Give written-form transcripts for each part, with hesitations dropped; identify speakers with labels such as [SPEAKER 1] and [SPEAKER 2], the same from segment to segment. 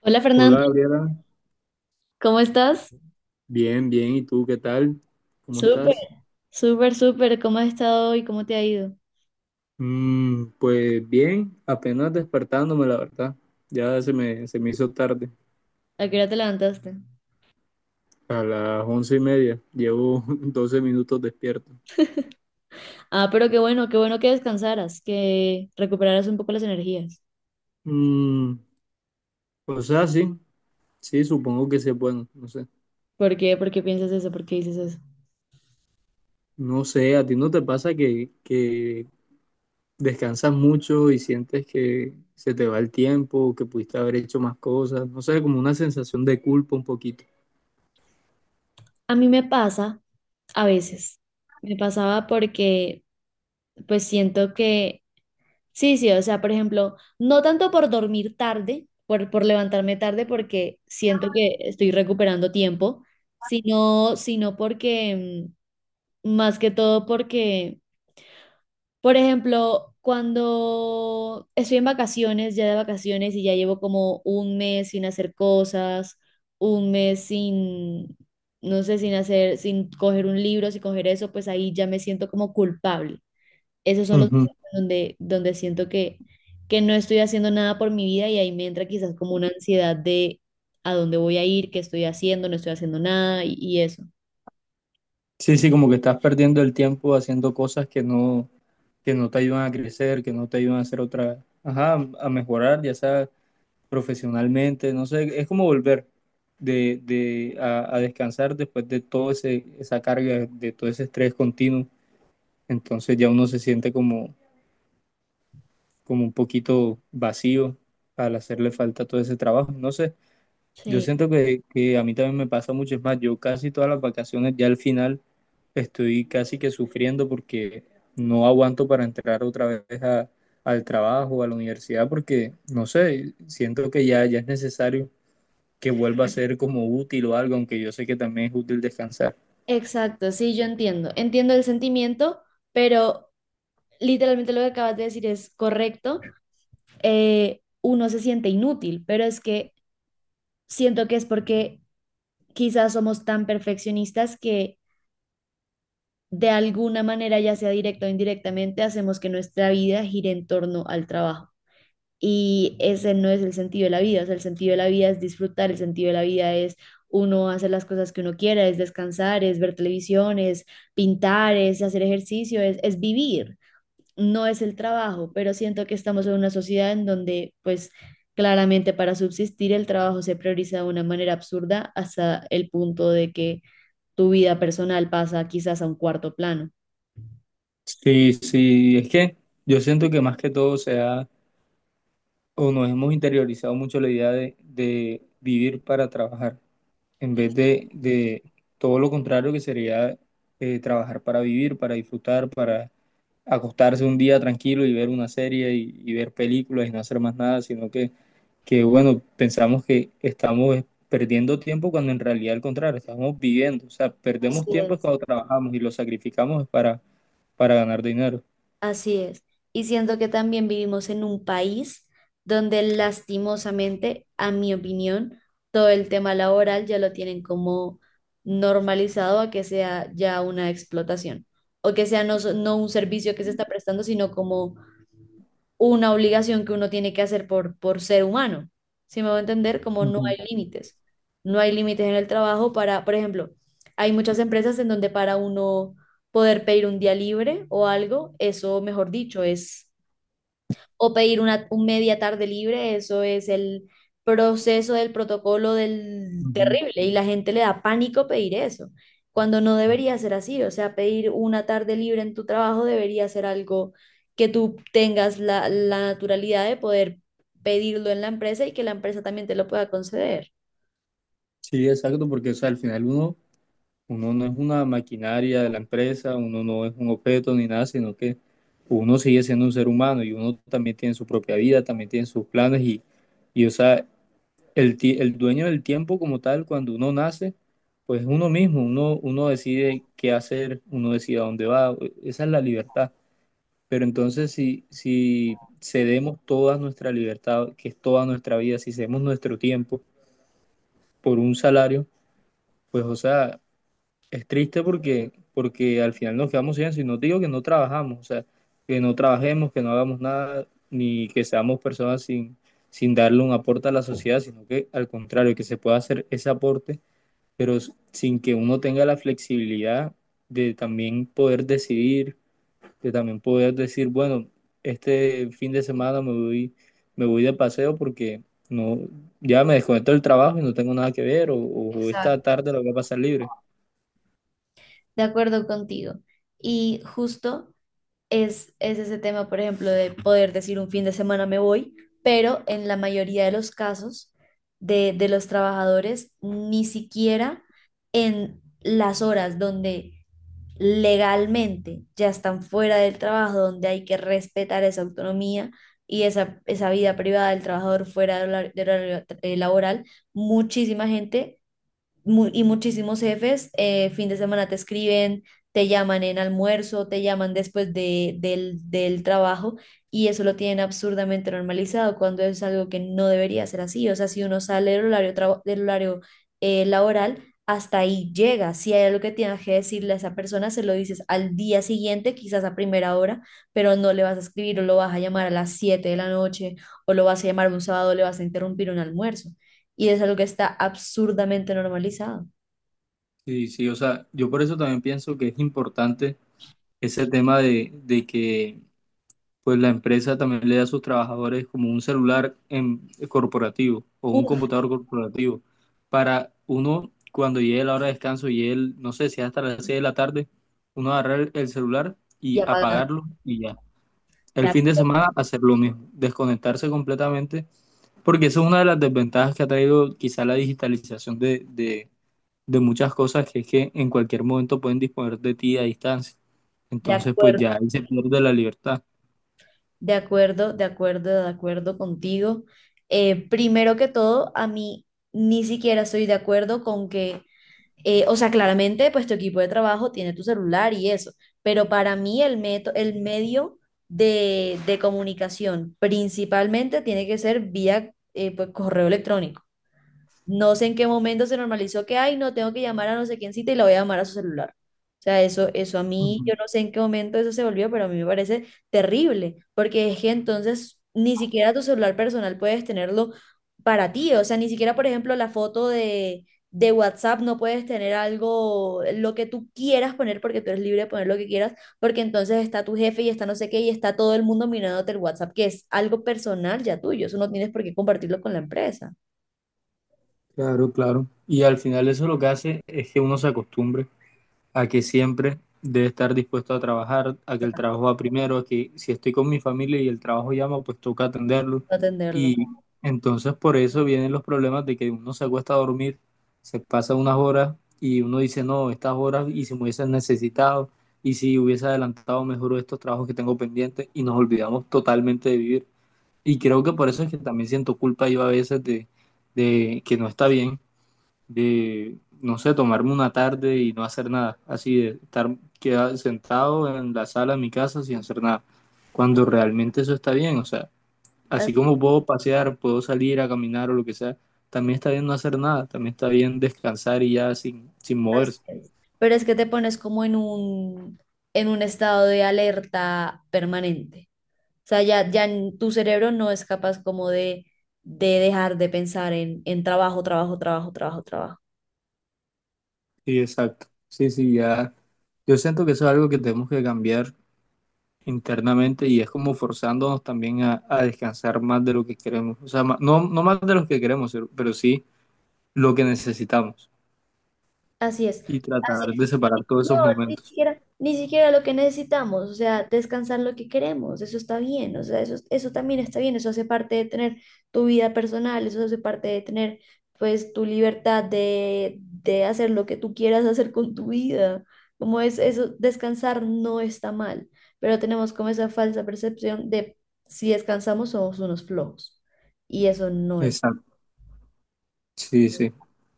[SPEAKER 1] Hola Fernando,
[SPEAKER 2] Hola, Gabriela.
[SPEAKER 1] ¿cómo estás?
[SPEAKER 2] Bien, bien, ¿y tú qué tal? ¿Cómo
[SPEAKER 1] Súper,
[SPEAKER 2] estás?
[SPEAKER 1] súper, súper. ¿Cómo has estado hoy? ¿Cómo te ha ido?
[SPEAKER 2] Pues bien, apenas despertándome, la verdad. Ya se me hizo tarde,
[SPEAKER 1] ¿A qué hora te levantaste?
[SPEAKER 2] a las once y media. Llevo 12 minutos despierto.
[SPEAKER 1] Ah, pero qué bueno que descansaras, que recuperaras un poco las energías.
[SPEAKER 2] Mm, o sea, sí, sí, supongo que sí es bueno, no sé.
[SPEAKER 1] ¿Por qué? ¿Por qué piensas eso? ¿Por qué dices eso?
[SPEAKER 2] No sé, ¿a ti no te pasa que descansas mucho y sientes que se te va el tiempo, que pudiste haber hecho más cosas? No sé, como una sensación de culpa un poquito.
[SPEAKER 1] A mí me pasa a veces. Me pasaba porque pues siento que, sí, sí, o sea, por ejemplo, no tanto por dormir tarde, por levantarme tarde porque siento que estoy recuperando tiempo, sino porque más que todo porque, por ejemplo, cuando estoy en vacaciones, ya de vacaciones y ya llevo como un mes sin hacer cosas, un mes sin, no sé, sin hacer, sin coger un libro, sin coger eso, pues ahí ya me siento como culpable. Esos son los momentos donde siento que no estoy haciendo nada por mi vida y ahí me entra quizás como una ansiedad de a dónde voy a ir, qué estoy haciendo, no estoy haciendo nada y eso.
[SPEAKER 2] Sí, sí, como que estás perdiendo el tiempo haciendo cosas que no te ayudan a crecer, que no te ayudan a hacer otra, ajá, a mejorar, ya sea profesionalmente, no sé, es como volver a descansar después de esa carga, de todo ese estrés continuo. Entonces ya uno se siente como un poquito vacío al hacerle falta todo ese trabajo. No sé. Yo
[SPEAKER 1] Sí.
[SPEAKER 2] siento que a mí también me pasa mucho, es más, yo casi todas las vacaciones ya al final estoy casi que sufriendo porque no aguanto para entrar otra vez al trabajo, a la universidad, porque no sé, siento que ya es necesario que vuelva a ser como útil o algo, aunque yo sé que también es útil descansar.
[SPEAKER 1] Exacto, sí, yo entiendo. Entiendo el sentimiento, pero literalmente lo que acabas de decir es correcto. Uno se siente inútil, pero es que siento que es porque quizás somos tan perfeccionistas que de alguna manera, ya sea directa o indirectamente, hacemos que nuestra vida gire en torno al trabajo. Y ese no es el sentido de la vida, o sea, el sentido de la vida es disfrutar, el sentido de la vida es uno hacer las cosas que uno quiera, es descansar, es ver televisión, es pintar, es hacer ejercicio, es vivir, no es el trabajo, pero siento que estamos en una sociedad en donde pues claramente para subsistir el trabajo se prioriza de una manera absurda hasta el punto de que tu vida personal pasa quizás a un cuarto plano.
[SPEAKER 2] Sí, sí, es que yo siento que más que todo o nos hemos interiorizado mucho la idea de vivir para trabajar, en vez de todo lo contrario, que sería trabajar para vivir, para disfrutar, para acostarse un día tranquilo y ver una serie y ver películas y no hacer más nada, que, bueno, pensamos que estamos perdiendo tiempo cuando en realidad, al contrario, estamos viviendo. O sea, perdemos
[SPEAKER 1] Así
[SPEAKER 2] tiempo es
[SPEAKER 1] es.
[SPEAKER 2] cuando trabajamos y lo sacrificamos para ganar dinero.
[SPEAKER 1] Así es. Y siento que también vivimos en un país donde lastimosamente, a mi opinión, todo el tema laboral ya lo tienen como normalizado a que sea ya una explotación o que sea no, no un servicio que se está prestando, sino como una obligación que uno tiene que hacer por ser humano. ¿Si me voy a entender? Como no
[SPEAKER 2] Ujú,
[SPEAKER 1] hay límites. No hay límites en el trabajo para, por ejemplo, hay muchas empresas en donde para uno poder pedir un día libre o algo, eso, mejor dicho, es o pedir un media tarde libre, eso es el proceso del protocolo del
[SPEAKER 2] ujú.
[SPEAKER 1] terrible y la gente le da pánico pedir eso, cuando no debería ser así, o sea, pedir una tarde libre en tu trabajo debería ser algo que tú tengas la naturalidad de poder pedirlo en la empresa y que la empresa también te lo pueda conceder.
[SPEAKER 2] Sí, exacto, porque, o sea, al final uno no es una maquinaria de la empresa, uno no es un objeto ni nada, sino que uno sigue siendo un ser humano y uno también tiene su propia vida, también tiene sus planes y, o sea, el dueño del tiempo como tal, cuando uno nace, pues es uno mismo, uno decide qué hacer, uno decide a dónde va, esa es la libertad. Pero entonces si cedemos toda nuestra libertad, que es toda nuestra vida, si cedemos nuestro tiempo por un salario, pues o sea... Es triste porque, porque al final nos quedamos sin eso, y no digo que no trabajamos, o sea, que no trabajemos, que no hagamos nada, ni que seamos personas sin darle un aporte a la sociedad, sino que al contrario, que se pueda hacer ese aporte, pero sin que uno tenga la flexibilidad de también poder decidir, de también poder decir, bueno, este fin de semana me voy de paseo porque no, ya me desconecto del trabajo y no tengo nada que ver, o esta
[SPEAKER 1] Exacto.
[SPEAKER 2] tarde la voy a pasar libre.
[SPEAKER 1] De acuerdo contigo. Y justo es ese tema, por ejemplo, de poder decir un fin de semana me voy, pero en la mayoría de los casos de los trabajadores, ni siquiera en las horas donde legalmente ya están fuera del trabajo, donde hay que respetar esa autonomía y esa vida privada del trabajador fuera del del horario laboral, muchísima gente y muchísimos jefes fin de semana te escriben, te llaman en almuerzo, te llaman después del trabajo y eso lo tienen absurdamente normalizado cuando es algo que no debería ser así. O sea, si uno sale del horario, del horario laboral, hasta ahí llega. Si hay algo que tienes que decirle a esa persona, se lo dices al día siguiente, quizás a primera hora, pero no le vas a escribir o lo vas a llamar a las 7 de la noche o lo vas a llamar un sábado, le vas a interrumpir un almuerzo y es algo que está absurdamente normalizado.
[SPEAKER 2] Sí, sí, o sea, yo por eso también pienso que es importante ese tema de que pues la empresa también le da a sus trabajadores como un celular corporativo o un
[SPEAKER 1] Uf.
[SPEAKER 2] computador corporativo para uno cuando llegue la hora de descanso y él, no sé si es hasta las 6 de la tarde, uno agarrar el celular
[SPEAKER 1] Y
[SPEAKER 2] y
[SPEAKER 1] apagar.
[SPEAKER 2] apagarlo y ya.
[SPEAKER 1] De
[SPEAKER 2] El fin de
[SPEAKER 1] acu-
[SPEAKER 2] semana hacer lo mismo, desconectarse completamente, porque esa es una de las desventajas que ha traído quizá la digitalización de muchas cosas, que es que en cualquier momento pueden disponer de ti a distancia.
[SPEAKER 1] de
[SPEAKER 2] Entonces, pues
[SPEAKER 1] acuerdo,
[SPEAKER 2] ya ahí se pierde la libertad.
[SPEAKER 1] de acuerdo, de acuerdo, de acuerdo contigo. Primero que todo, a mí ni siquiera estoy de acuerdo con que, o sea, claramente, pues tu equipo de trabajo tiene tu celular y eso, pero para mí el el medio de comunicación principalmente tiene que ser vía, pues, correo electrónico. No sé en qué momento se normalizó que, ay, no, tengo que llamar a no sé quién cita y la voy a llamar a su celular. O sea, eso a mí,
[SPEAKER 2] Ujú.
[SPEAKER 1] yo no sé en qué momento eso se volvió, pero a mí me parece terrible, porque es que entonces ni siquiera tu celular personal puedes tenerlo para ti. O sea, ni siquiera, por ejemplo, la foto de WhatsApp no puedes tener algo, lo que tú quieras poner, porque tú eres libre de poner lo que quieras, porque entonces está tu jefe y está no sé qué y está todo el mundo mirándote el WhatsApp, que es algo personal ya tuyo. Eso no tienes por qué compartirlo con la empresa.
[SPEAKER 2] Claro, claro. Y al final eso lo que hace es que uno se acostumbre a que siempre debe estar dispuesto a trabajar, a que el trabajo va primero, a que si estoy con mi familia y el trabajo llama, pues toca atenderlo.
[SPEAKER 1] No atenderlo.
[SPEAKER 2] Y entonces por eso vienen los problemas de que uno se acuesta a dormir, se pasa unas horas y uno dice, no, estas horas y si me hubiesen necesitado y si hubiese adelantado mejor estos trabajos que tengo pendientes, y nos olvidamos totalmente de vivir. Y creo que por eso es que también siento culpa yo a veces de que no está bien de, no sé, tomarme una tarde y no hacer nada, así de estar quedado, sentado en la sala de mi casa sin hacer nada, cuando realmente eso está bien, o sea, así como puedo pasear, puedo salir a caminar o lo que sea, también está bien no hacer nada, también está bien descansar y ya sin
[SPEAKER 1] Así
[SPEAKER 2] moverse.
[SPEAKER 1] es. Pero es que te pones como en un estado de alerta permanente. O sea, ya, ya tu cerebro no es capaz como de dejar de pensar en trabajo, trabajo, trabajo, trabajo, trabajo.
[SPEAKER 2] Sí, exacto. Sí, sí, ya. Yo siento que eso es algo que tenemos que cambiar internamente y es como forzándonos también a descansar más de lo que queremos. O sea, no, no más de lo que queremos, pero sí lo que necesitamos.
[SPEAKER 1] Así es,
[SPEAKER 2] Y
[SPEAKER 1] así
[SPEAKER 2] tratar
[SPEAKER 1] es.
[SPEAKER 2] de separar todos
[SPEAKER 1] No,
[SPEAKER 2] esos
[SPEAKER 1] ni
[SPEAKER 2] momentos.
[SPEAKER 1] siquiera, ni siquiera lo que necesitamos, o sea, descansar lo que queremos, eso está bien, o sea, eso también está bien, eso hace parte de tener tu vida personal, eso hace parte de tener, pues, tu libertad de hacer lo que tú quieras hacer con tu vida. Como es eso, descansar no está mal, pero tenemos como esa falsa percepción de si descansamos somos unos flojos, y eso no es.
[SPEAKER 2] Exacto, sí, sí.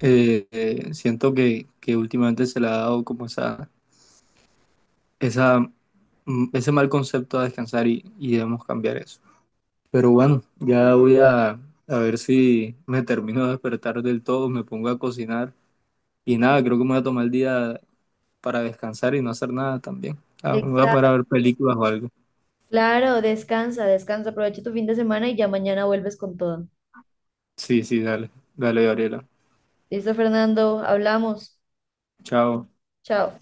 [SPEAKER 2] Siento que últimamente se le ha dado como esa, ese mal concepto a descansar y debemos cambiar eso. Pero bueno, ya voy a ver si me termino de despertar del todo, me pongo a cocinar y nada, creo que me voy a tomar el día para descansar y no hacer nada también. Ah, me voy a parar a ver películas o algo.
[SPEAKER 1] Claro, descansa, descansa, aprovecha tu fin de semana y ya mañana vuelves con todo.
[SPEAKER 2] Sí, sí, dale, dale, Gabriela.
[SPEAKER 1] Listo, Fernando, hablamos.
[SPEAKER 2] Chao.
[SPEAKER 1] Chao.